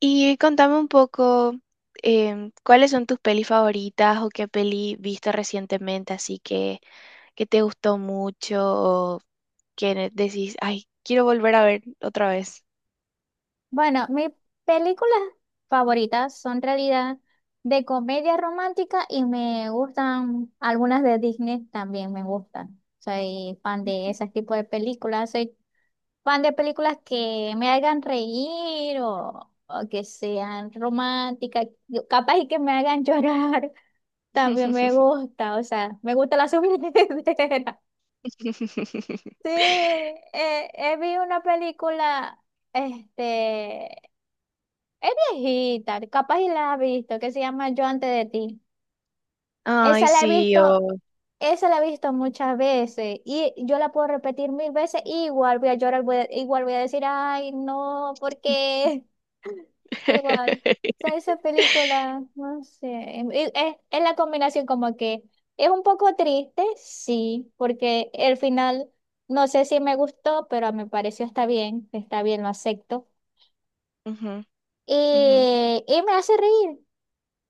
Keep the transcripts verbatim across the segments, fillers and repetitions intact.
Y contame un poco, em, ¿cuáles son tus pelis favoritas o qué peli viste recientemente así que, que te gustó mucho o que ne- decís, ay, quiero volver a ver otra vez? Bueno, mis películas favoritas son en realidad de comedia romántica y me gustan algunas de Disney también me gustan. Soy fan de ese tipo de películas. Soy fan de películas que me hagan reír o, o que sean románticas, Yo- capaz y que me hagan llorar. También me gusta, o sea, me gusta la subidera. Sí, eh, eh, vi una película, este. Es viejita, capaz y la has visto, que se llama Yo antes de ti. Ay, Esa la he sí, visto, o... esa la he visto muchas veces y yo la puedo repetir mil veces y igual voy a llorar, voy a- igual voy a decir, ay, no, porque igual. O sea, esa película, no sé, em, y es, es la combinación como que es un poco triste, sí, porque el final no sé si me gustó, pero me pareció está bien, está bien, lo acepto. Ujú, ujú, Y, y me hace reír.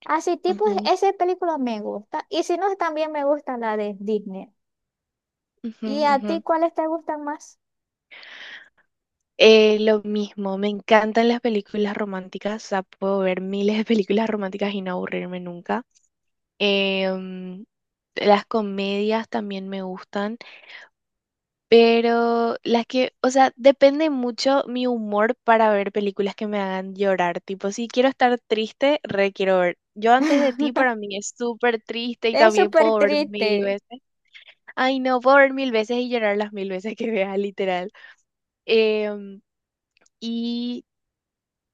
Así tipo, ujú, esa película me gusta. Y si no, también me gusta la de Disney. ujú, ¿Y a ujú. ti cuáles te gustan más? Eh, lo mismo, me encantan las películas románticas, o sea, puedo ver miles de películas románticas y no aburrirme nunca. Em, las comedias también me gustan, pero las que, o sea, depende mucho mi humor para ver películas que me hagan llorar, tipo, si quiero estar triste, re quiero ver. Yo antes de ti para mí es súper triste y Es también súper puedo ver mil triste. veces. Ay, no, puedo ver mil veces y llorar las mil veces que vea, literal. Em, Y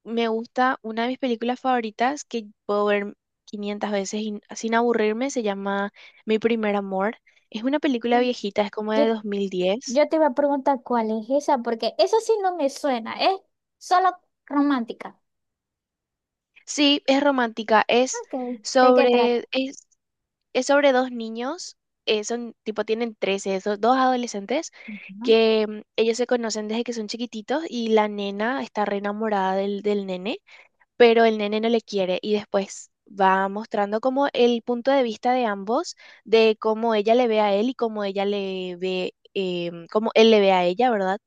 me gusta una de mis películas favoritas que puedo ver quinientas veces y- sin aburrirme, se llama Mi primer amor. Es una película viejita, es como de Yo, dos mil diez. yo te iba a preguntar cuál es esa, porque eso sí no me suena. Es solo romántica. Sí, es romántica, es Ok, ¿de qué sobre, trata? es, es sobre dos niños, eh, son tipo, tienen trece esos dos adolescentes Ujú. que mm, ellos se conocen desde que son chiquititos y la nena está re enamorada del, del nene, pero el nene no le quiere y después va mostrando como el punto de vista de ambos, de cómo ella le ve a él y cómo ella le ve, eh, cómo él le ve a ella, ¿verdad?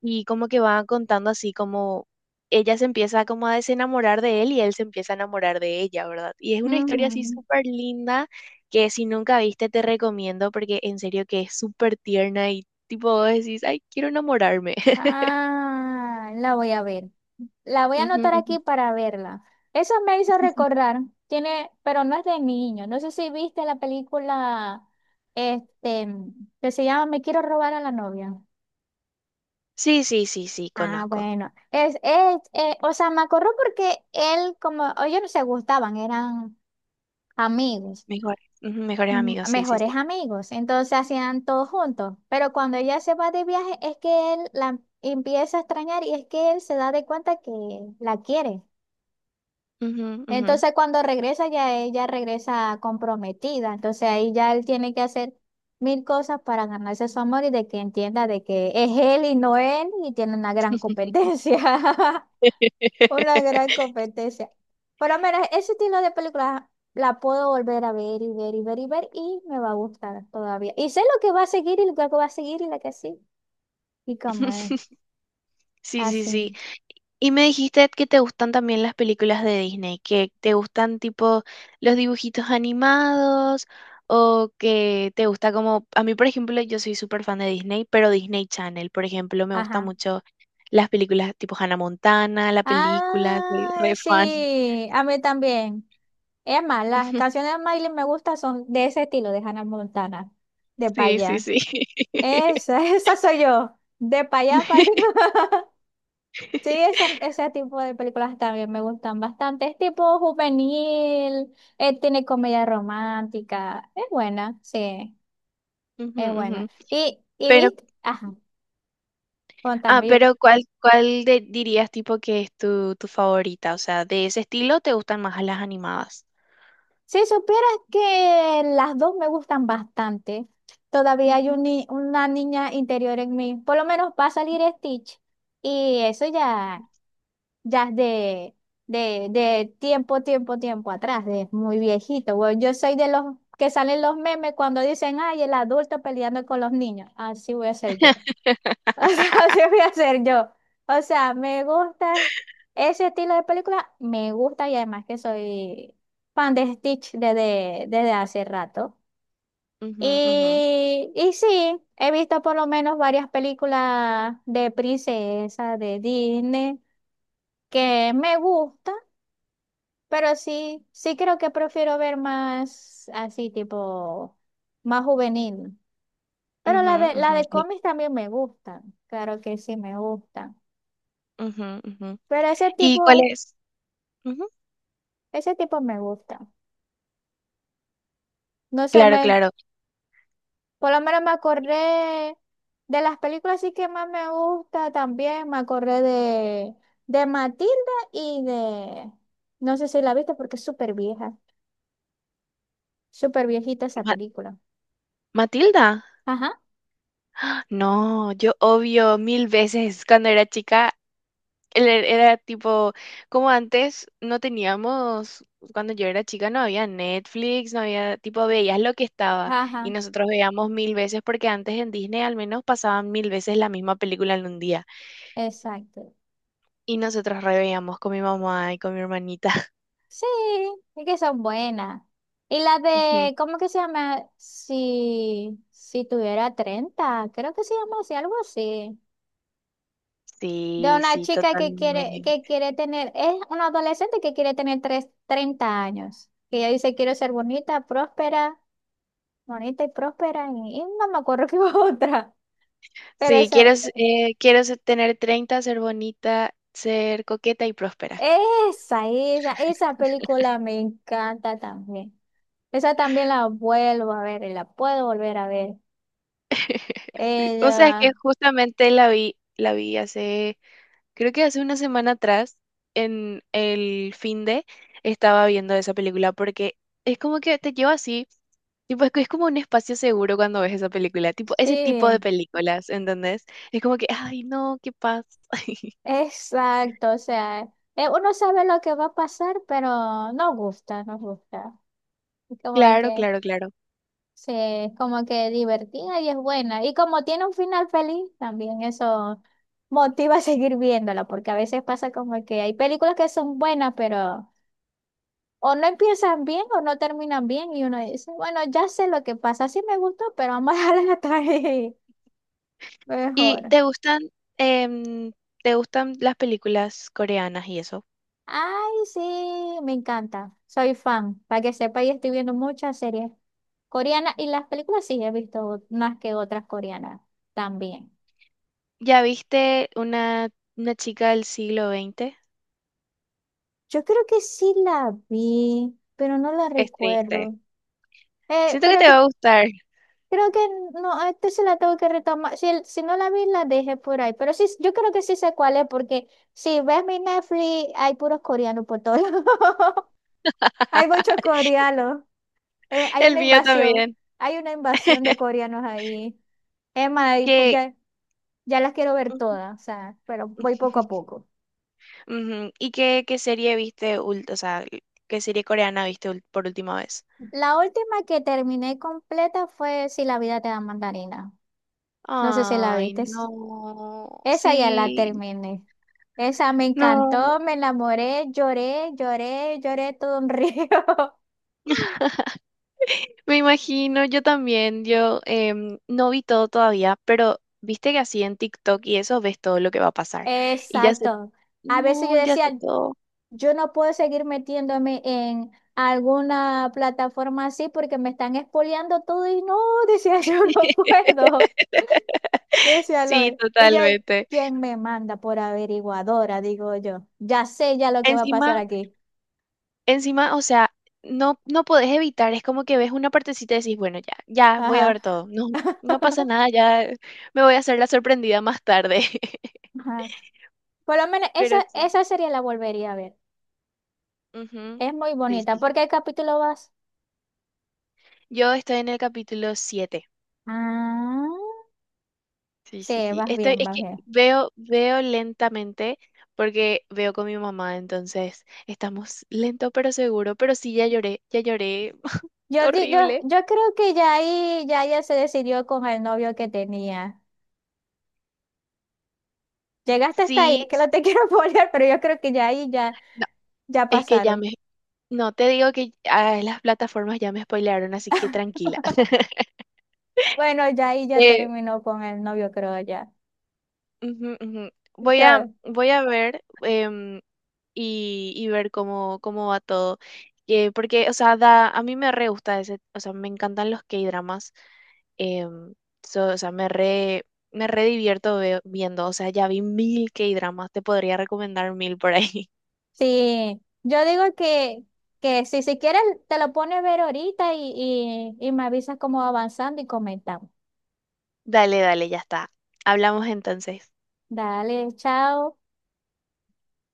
Y como que va contando así como ella se empieza como a desenamorar de él y él se empieza a enamorar de ella, ¿verdad? Y es una historia así Ujú. súper linda que si nunca viste te recomiendo porque en serio que es súper tierna y tipo vos decís, ay, quiero enamorarme. Ah, la voy a ver. La voy a Ujú, anotar ujú. aquí para verla. Eso me hizo recordar. Tiene, pero no es de niño. No sé si viste la película este, que se llama Me quiero robar a la novia. Sí, sí, sí, sí, Ah, conozco. bueno. Es, es, eh, o sea, me acuerdo porque él, como ellos no se gustaban, eran amigos. Mejor, ujú, mejores Mm, amigos, sí, sí, sí. mejores amigos, entonces hacían todo juntos, pero cuando ella se va de viaje es que él la empieza a extrañar y es que él se da de cuenta que la quiere. Ujú, ujú. Entonces cuando regresa ya ella regresa comprometida, entonces ahí ya él tiene que hacer mil cosas para ganarse su amor y de que entienda de que es él y no él y tiene una gran competencia. Una gran competencia. Pero mira, ese estilo de película la puedo volver a ver y ver y ver y ver y me va a gustar todavía. Y sé lo que va a seguir y lo que va a seguir y la que sí. Y como es Sí, sí, sí. así. Y me dijiste que te gustan también las películas de Disney, que te gustan tipo los dibujitos animados o que te gusta como, a mí por ejemplo, yo soy súper fan de Disney, pero Disney Channel, por ejemplo, me gustan Ajá. mucho las películas tipo Hannah Montana, la película, soy Ay, re fan. sí, a mí también. Es más, las canciones de Miley me gustan son de ese estilo, de Hannah Montana, de pa' Sí, sí, allá. sí. Esa, esa soy yo, de pa' allá para acá. Sí, ese, ese tipo de películas también me gustan bastante. Es tipo juvenil, eh, tiene comedia romántica. Es buena, sí, Ujú, es ujú. buena. Y, y Pero viste, ajá, Ah, contame. yo- pero ¿cuál, cuál de- dirías tipo que es tu, tu favorita? O sea, de ese estilo te gustan más las animadas. Si supieras que las dos me gustan bastante, todavía hay Ujú, un ni- una niña interior en mí. Por lo menos va a salir Stitch. Y eso ya. Ya es de, de, de tiempo, tiempo, tiempo atrás, de muy viejito. Bueno, yo soy de los que salen los memes cuando dicen, ay, el adulto peleando con los niños. Así voy a ser yo. O sea, así voy a ser yo. O sea, me gusta ese estilo de película, me gusta y además que soy fan de Stitch desde, desde hace rato. ujú, ujú, Y, y sí, he visto por lo menos varias películas de princesa, de Disney, que me gusta. Pero sí, sí creo que prefiero ver más así, tipo, más juvenil. Pero ujú, la de, la ujú, de sí, cómics también me gustan. Claro que sí me gustan. ujú, ujú. Pero ese ¿Y tipo, cuál es? Ujú. ese tipo me gusta. No sé, Claro, me, claro. por lo menos me acordé de las películas sí que más me gusta también. Me acordé de, de Matilda y de, no sé si la viste porque es súper vieja. Súper viejita esa Ma- película. ¿Matilda? Ajá, ¡Ah! No, yo obvio mil veces cuando era chica él Era era tipo, como antes no teníamos, cuando yo era chica no había Netflix, no había, tipo, veías lo que estaba y ajá, nosotros veíamos mil veces porque antes en Disney al menos pasaban mil veces la misma película en un día exacto. y nosotros re veíamos con mi mamá y con mi hermanita. Sí, es que son buenas. Y la Ujú. de, ¿cómo que se llama? Si, si tuviera treinta creo que se llama así, algo así. De Sí, una sí, chica que quiere, que totalmente. quiere tener, es una adolescente que quiere tener tres, treinta años. Que ella dice, quiero ser bonita, próspera, bonita y próspera, y, y no me acuerdo qué otra. Pero Sí, quiero, esa, s- eh, quiero se- tener treinta, ser bonita, ser coqueta y próspera. esa, esa, esa película me encanta también. Esa también la vuelvo a ver y la puedo volver a ver. Sí, o sea, Ella es que justamente la vi, la vi, hace, creo que hace una semana atrás, en el fin de, estaba viendo esa película porque es como que te lleva así, tipo, es, que es como un espacio seguro cuando ves esa película, tipo, ese tipo de Sí, películas, ¿entendés? Es como que, ay, no, qué paz. exacto, o sea, eh, uno sabe lo que va a pasar, pero no gusta, no gusta. Es como Claro, que, claro, claro. sí, es como que divertida y es buena. Y como tiene un final feliz, también eso motiva a seguir viéndola, porque a veces pasa como que hay películas que son buenas, pero o no empiezan bien o no terminan bien y uno dice, bueno, ya sé lo que pasa, sí me gustó, pero vamos a dejarla hasta ahí, ¿Y mejor. te gustan, em, te gustan las películas coreanas y eso? Ay, sí, me encanta. Soy fan. Para que sepa, y estoy viendo muchas series coreanas y las películas sí he visto más que otras coreanas también. ¿Ya viste una, una chica del siglo veinte? Yo creo que sí la vi, pero no la Es triste. recuerdo. Eh, Siento que pero te va cre- a gustar. creo que no, a este se la tengo que retomar. Si, el- si no la vi, la dejé por ahí. Pero sí, yo creo que sí sé cuál es, porque si ves mi Netflix, hay puros coreanos por todos lados. Hay muchos coreanos. Eh, hay El una mío invasión. también. Hay una invasión de coreanos ahí. Emma, y pu- Que ya, ya las quiero ver ujú. todas, o sea, pero voy poco a poco. Ujú. ¿Y qué, qué serie viste, ult- o sea, qué serie coreana viste ul- por última vez? La última que terminé completa fue Si la vida te da mandarina. No sé si la Ay, viste. no, Esa ya la sí, terminé. Esa me no. encantó, me enamoré, lloré, lloré, lloré todo un río. Me imagino, yo también, yo em, no vi todo todavía, pero viste que así en TikTok y eso ves todo lo que va a pasar. Y ya sé, Exacto. A veces yo no, ya sé decía, todo. yo no puedo seguir metiéndome en alguna plataforma así porque me están expoliando todo y no, decía yo no puedo. Decía Sí, Loe. Ella, totalmente. ¿quién me manda por averiguadora? Digo yo. Ya sé ya lo que va a pasar Encima, aquí. encima, o sea, no, no podés evitar, es como que ves una partecita y decís, bueno, ya, ya voy a Ajá. ver todo. No, no pasa nada, ya me voy a hacer la sorprendida más tarde. Ajá. Por lo menos esa, Pero sí. esa serie la volvería a ver. Ujú, Es muy sí, bonita. sí, ¿Por sí. qué capítulo vas? Yo estoy en el capítulo siete. Ah, Sí, sí, sí, sí. vas Estoy, bien, es vas que bien. veo, veo lentamente porque veo con mi mamá, entonces estamos lento pero seguro, pero sí, ya lloré, ya lloré Yo, di- yo, horrible. yo creo que ya ahí ya ella se decidió con el novio que tenía. Llegaste hasta ahí, es Sí, que no te quiero poner, pero yo creo que ya ahí ya, no, ya es que ya pasaron. me, no te digo que ah, las plataformas ya me spoilearon, así que tranquila. Bueno, ya ahí ya Eh, terminó con el novio, creo ya. Ujú, ujú. Voy a, Que voy a ver em, y, y ver cómo, cómo va todo. Eh, porque, o sea, da, a mí me re gusta ese. O sea, me encantan los K-dramas. em, so- o sea, me re, me re divierto ve- viendo, o sea, ya vi mil K-dramas, te podría recomendar mil por ahí. Sí, yo digo que, que si, si quieres te lo pones a ver ahorita y, y, y me avisas cómo va avanzando y comentamos. Dale, dale, ya está. Hablamos entonces. Dale, chao.